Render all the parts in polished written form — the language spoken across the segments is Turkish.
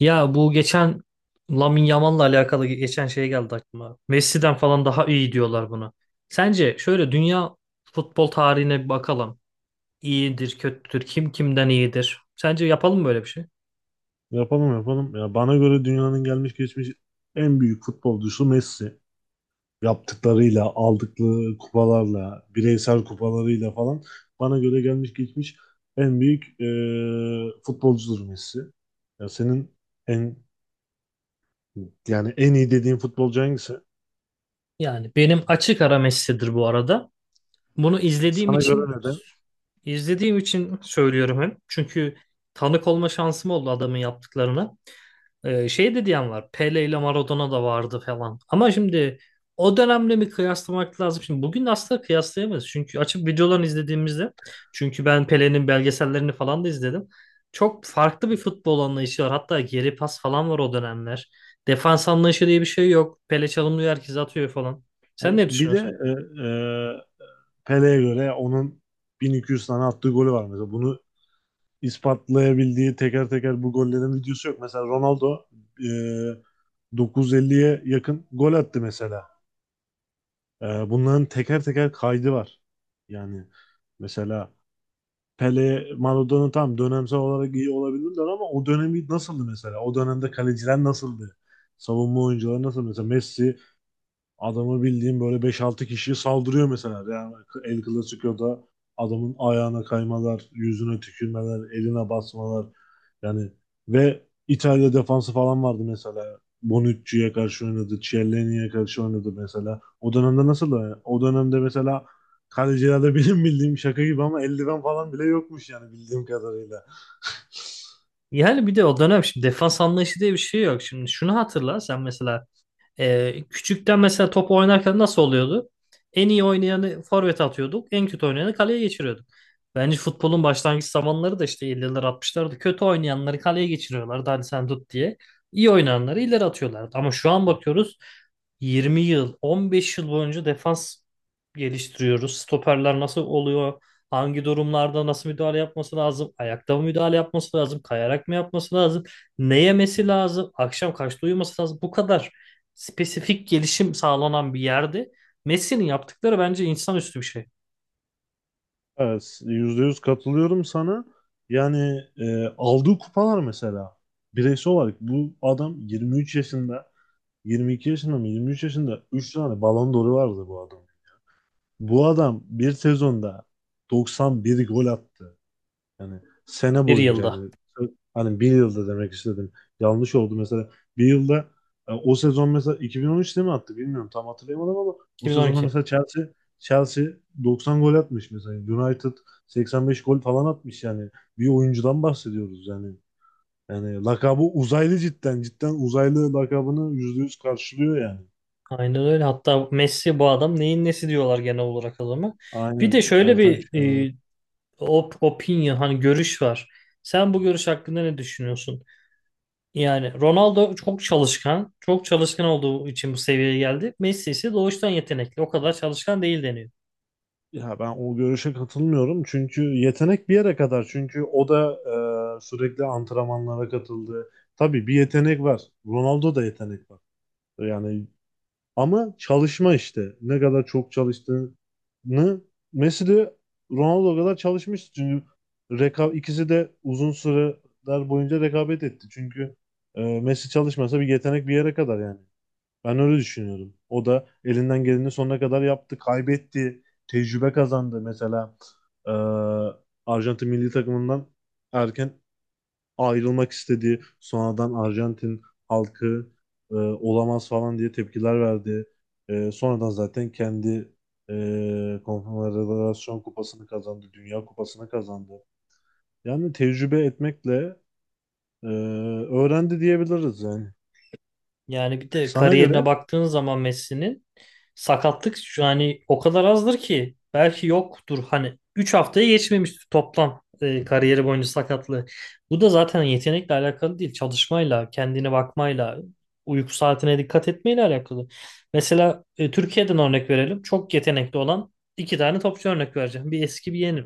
Ya bu geçen Lamine Yamal'la alakalı geçen şey geldi aklıma. Messi'den falan daha iyi diyorlar buna. Sence şöyle dünya futbol tarihine bir bakalım. İyidir, kötüdür, kim kimden iyidir? Sence yapalım mı böyle bir şey? Yapalım, yapalım. Ya bana göre dünyanın gelmiş geçmiş en büyük futbolcusu Messi. Yaptıklarıyla, aldıkları kupalarla, bireysel kupalarıyla falan bana göre gelmiş geçmiş en büyük futbolcudur Messi. Ya senin en yani en iyi dediğin futbolcu hangisi? Yani benim açık ara Messi'dir bu arada. Bunu izlediğim Sana göre için neden? izlediğim için söylüyorum hem. Çünkü tanık olma şansım oldu adamın yaptıklarına. Şey de diyen var. Pele ile Maradona da vardı falan. Ama şimdi o dönemle mi kıyaslamak lazım? Şimdi bugün asla kıyaslayamayız. Çünkü açıp videolarını izlediğimizde ben Pele'nin belgesellerini falan da izledim. Çok farklı bir futbol anlayışı var. Hatta geri pas falan var o dönemler. Defans anlayışı diye bir şey yok. Pele çalımlıyor, herkes atıyor falan. Sen ne Bir de düşünüyorsun? e, e, Pele'ye göre onun 1200 tane attığı golü var mesela. Bunu ispatlayabildiği teker teker bu gollerin videosu yok. Mesela Ronaldo e, 950'ye yakın gol attı mesela. Bunların teker teker kaydı var. Yani mesela Pele, Maradona tam dönemsel olarak iyi olabilirler ama o dönemi nasıldı mesela? O dönemde kaleciler nasıldı? Savunma oyuncuları nasıl? Mesela Messi. Adamı bildiğim böyle beş-altı kişiye saldırıyor mesela. Yani El Clasico'da adamın ayağına kaymalar, yüzüne tükürmeler, eline basmalar. Yani ve İtalya defansı falan vardı mesela. Bonucci'ye karşı oynadı, Chiellini'ye karşı oynadı mesela. O dönemde nasıl? O dönemde mesela kalecilerde benim bildiğim şaka gibi ama eldiven falan bile yokmuş yani bildiğim kadarıyla. Yani bir de o dönem şimdi defans anlayışı diye bir şey yok. Şimdi şunu hatırla sen mesela. Küçükten mesela top oynarken nasıl oluyordu? En iyi oynayanı forvet atıyorduk. En kötü oynayanı kaleye geçiriyorduk. Bence futbolun başlangıç zamanları da işte 50'ler 60'larda kötü oynayanları kaleye geçiriyorlardı. Hadi sen tut diye. İyi oynayanları ileri atıyorlardı. Ama şu an bakıyoruz, 20 yıl, 15 yıl boyunca defans geliştiriyoruz. Stoperler nasıl oluyor? Hangi durumlarda nasıl müdahale yapması lazım? Ayakta mı müdahale yapması lazım? Kayarak mı yapması lazım? Ne yemesi lazım? Akşam kaçta uyuması lazım? Bu kadar spesifik gelişim sağlanan bir yerde Messi'nin yaptıkları bence insanüstü bir şey. Evet, %100 katılıyorum sana. Yani aldığı kupalar mesela bireysel olarak bu adam 23 yaşında, 22 yaşında mı 23 yaşında 3 tane Ballon d'Or'u vardı bu adam. Bu adam bir sezonda 91 gol attı. Yani sene Bir boyunca yılda. yani hani bir yılda demek istedim. Yanlış oldu mesela. Bir yılda, o sezon mesela 2013'te mi attı bilmiyorum, tam hatırlayamadım ama o sezonda 2012. mesela Chelsea 90 gol atmış mesela. United 85 gol falan atmış yani. Bir oyuncudan bahsediyoruz yani. Yani lakabı uzaylı cidden. Cidden uzaylı lakabını %100 karşılıyor yani. Aynen öyle. Hatta Messi bu adam neyin nesi diyorlar genel olarak adama. Bir de Aynen, şöyle Ertan bir Şener. e, op opinion, hani, görüş var. Sen bu görüş hakkında ne düşünüyorsun? Yani Ronaldo çok çalışkan. Çok çalışkan olduğu için bu seviyeye geldi. Messi ise doğuştan yetenekli. O kadar çalışkan değil deniyor. Ya ben o görüşe katılmıyorum. Çünkü yetenek bir yere kadar. Çünkü o da sürekli antrenmanlara katıldı. Tabii bir yetenek var. Ronaldo da yetenek var. Yani ama çalışma işte. Ne kadar çok çalıştığını Messi de Ronaldo kadar çalışmış. Çünkü ikisi de uzun süreler boyunca rekabet etti. Çünkü Messi çalışmasa bir yetenek bir yere kadar yani. Ben öyle düşünüyorum. O da elinden geleni sonuna kadar yaptı. Kaybetti. Tecrübe kazandı. Mesela eee, Arjantin milli takımından erken ayrılmak istedi. Sonradan Arjantin halkı olamaz falan diye tepkiler verdi. Sonradan zaten kendi Konfederasyon Kupası'nı kazandı. Dünya Kupası'nı kazandı. Yani tecrübe etmekle eee, öğrendi diyebiliriz yani. Yani bir de Sana kariyerine göre, baktığın zaman Messi'nin sakatlık şu hani o kadar azdır ki belki yoktur, hani 3 haftaya geçmemiştir toplam kariyeri boyunca sakatlığı. Bu da zaten yetenekle alakalı değil. Çalışmayla, kendine bakmayla, uyku saatine dikkat etmeyle alakalı. Mesela Türkiye'den örnek verelim. Çok yetenekli olan iki tane topçu örnek vereceğim. Bir eski bir yeni.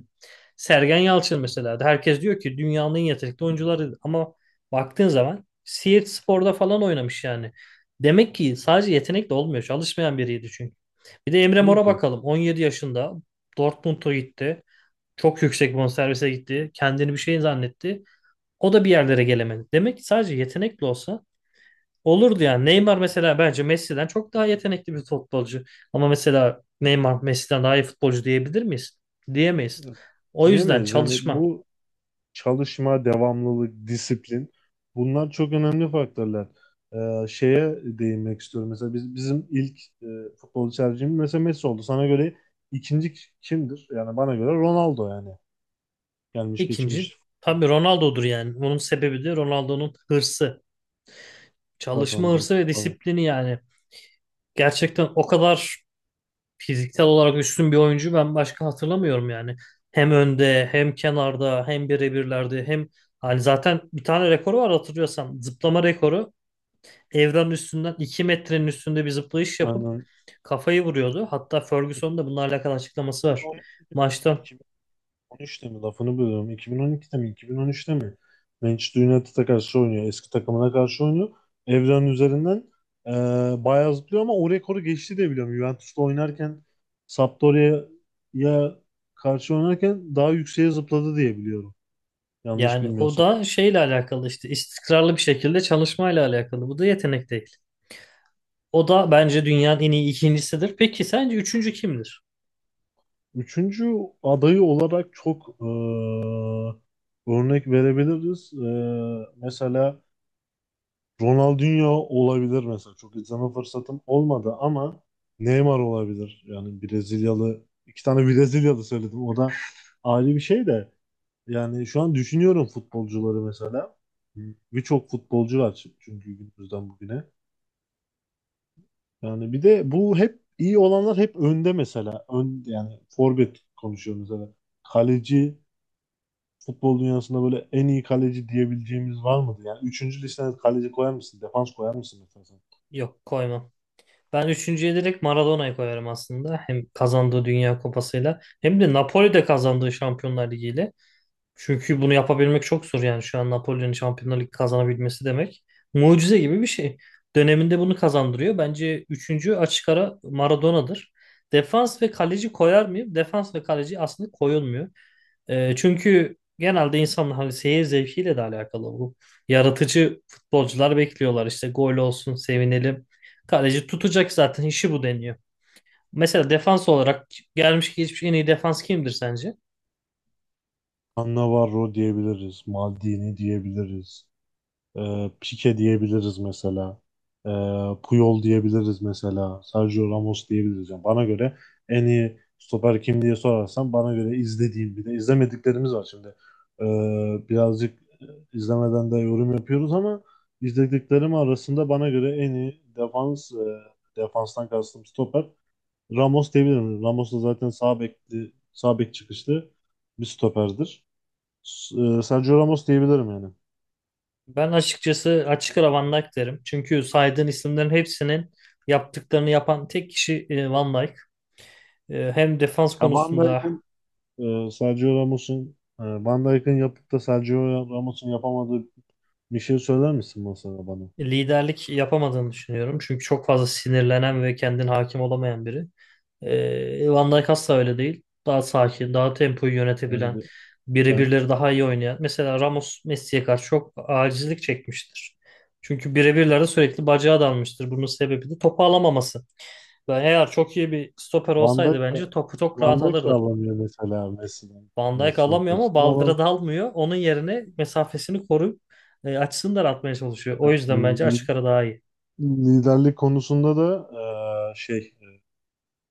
Sergen Yalçın mesela. Herkes diyor ki dünyanın en yetenekli oyuncuları ama baktığın zaman Siirt Spor'da falan oynamış yani. Demek ki sadece yetenekle olmuyor. Çalışmayan biriydi çünkü. Bir de Emre tabii Mor'a ki, bakalım. 17 yaşında Dortmund'a gitti. Çok yüksek bonservise gitti. Kendini bir şey zannetti. O da bir yerlere gelemedi. Demek ki sadece yetenekli olsa olurdu yani. Neymar mesela bence Messi'den çok daha yetenekli bir futbolcu. Ama mesela Neymar Messi'den daha iyi futbolcu diyebilir miyiz? Diyemeyiz. O yüzden diyemeyiz. Yani çalışma. bu çalışma, devamlılık, disiplin, bunlar çok önemli faktörler. Şeye değinmek istiyorum. Mesela bizim ilk futbolcu tercihimiz mesela Messi oldu. Sana göre ikinci kimdir? Yani bana göre Ronaldo yani. Gelmiş İkinci geçmiş tabii Ronaldo'dur yani. Bunun sebebi de Ronaldo'nun hırsı. Çalışma kazandığı hırsı ve kupa. disiplini yani. Gerçekten o kadar fiziksel olarak üstün bir oyuncu ben başka hatırlamıyorum yani. Hem önde, hem kenarda, hem birebirlerde, hem, hani, zaten bir tane rekoru var hatırlıyorsan, zıplama rekoru. Evren üstünden 2 metrenin üstünde bir zıplayış yapıp Aynen. kafayı vuruyordu. Hatta Ferguson'un da bununla alakalı açıklaması var maçta. 13'te mi? Lafını bölüyorum. 2012'de mi? 2013'te mi? Manchester United'a karşı oynuyor. Eski takımına karşı oynuyor. Evren üzerinden e, bayağı zıplıyor ama o rekoru geçti diye biliyorum. Juventus'ta oynarken Sampdoria'ya karşı oynarken daha yükseğe zıpladı diye biliyorum. Yanlış Yani o bilmiyorsam. da şeyle alakalı işte, istikrarlı bir şekilde çalışmayla alakalı. Bu da yetenek değil. O da bence dünyanın en iyi ikincisidir. Peki sence üçüncü kimdir? Üçüncü adayı olarak çok örnek verebiliriz. Mesela Ronaldinho olabilir mesela. Çok izleme fırsatım olmadı ama Neymar olabilir. Yani Brezilyalı. İki tane Brezilyalı söyledim. O da ayrı bir şey de. Yani şu an düşünüyorum futbolcuları mesela. Birçok futbolcu var çünkü günümüzden bugüne. Yani bir de bu hep iyi olanlar hep önde mesela. Yani forvet konuşuyoruz mesela. Kaleci futbol dünyasında böyle en iyi kaleci diyebileceğimiz var mıdır? Yani üçüncü listene kaleci koyar mısın? Defans koyar mısın mesela? Yok, koymam. Ben üçüncüye direkt Maradona'yı koyarım aslında. Hem kazandığı Dünya Kupası'yla hem de Napoli'de kazandığı Şampiyonlar Ligi'yle. Çünkü bunu yapabilmek çok zor yani, şu an Napoli'nin Şampiyonlar Ligi kazanabilmesi demek. Mucize gibi bir şey. Döneminde bunu kazandırıyor. Bence üçüncü açık ara Maradona'dır. Defans ve kaleci koyar mıyım? Defans ve kaleci aslında koyulmuyor. Çünkü genelde insanın hani seyir zevkiyle de alakalı bu. Yaratıcı futbolcular bekliyorlar işte, gol olsun sevinelim. Kaleci tutacak, zaten işi bu deniyor. Mesela defans olarak gelmiş geçmiş en iyi defans kimdir sence? Navarro diyebiliriz. Maldini diyebiliriz. E, Pique diyebiliriz mesela. E, Puyol diyebiliriz mesela. Sergio Ramos diyebiliriz. Yani bana göre en iyi stoper kim diye sorarsan, bana göre izlediğim, bir de izlemediklerimiz var şimdi. E, Birazcık izlemeden de yorum yapıyoruz ama izlediklerim arasında bana göre en iyi defans, defanstan kastım stoper, Ramos diyebilirim. Ramos da zaten sağ bekli, sağ bek çıkışlı bir stoperdir. S- Sergio Ramos diyebilirim yani. Ben açıkçası açık ara Van Dijk derim. Çünkü saydığın isimlerin hepsinin yaptıklarını yapan tek kişi Van Dijk. Hem defans Ya Van konusunda Dijk'in, Sergio Ramos'un, Van Dijk'in yapıp da Sergio Ramos'un yapamadığı bir şey söyler misin mesela bana? liderlik yapamadığını düşünüyorum. Çünkü çok fazla sinirlenen ve kendine hakim olamayan biri. Van Dijk asla öyle değil. Daha sakin, daha tempoyu Yani yönetebilen, ben birebirleri daha iyi oynayan. Mesela Ramos Messi'ye karşı çok acizlik çekmiştir. Çünkü birebirlerde sürekli bacağı dalmıştır. Bunun sebebi de topu alamaması. Ben eğer çok iyi bir stoper Van Dijk olsaydı bence de, topu çok Van rahat Dijk de alırdı. alamıyor mesela Messi'den. Van Dijk Messi'nin alamıyor ama karşısında ama baldıra dalmıyor. Onun yerine mesafesini koruyup açısını daraltmaya çalışıyor. e, O yüzden bence li- açık ara daha iyi. liderlik konusunda da şey,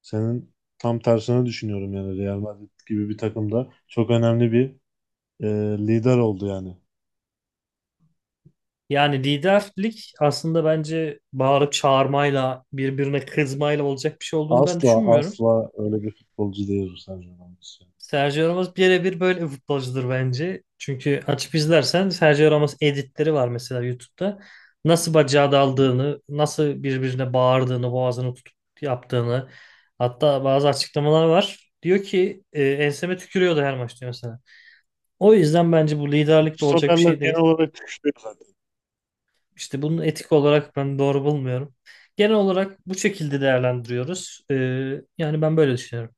senin tam tersine düşünüyorum yani. Real Madrid gibi bir takımda çok önemli bir lider oldu yani. Yani liderlik aslında bence bağırıp çağırmayla, birbirine kızmayla olacak bir şey olduğunu ben Asla düşünmüyorum. asla öyle bir futbolcu değil bu Sergio Ramos. Sergio Ramos birebir böyle bir futbolcudur bence. Çünkü açıp izlersen Sergio Ramos editleri var mesela YouTube'da. Nasıl bacağı daldığını, nasıl birbirine bağırdığını, boğazını tutup yaptığını. Hatta bazı açıklamalar var. Diyor ki enseme tükürüyordu her maçta mesela. O yüzden bence bu Bu liderlik de olacak bir stoperler şey genel değil. olarak güçlü zaten. İşte bunu etik olarak ben doğru bulmuyorum. Genel olarak bu şekilde değerlendiriyoruz. Yani ben böyle düşünüyorum.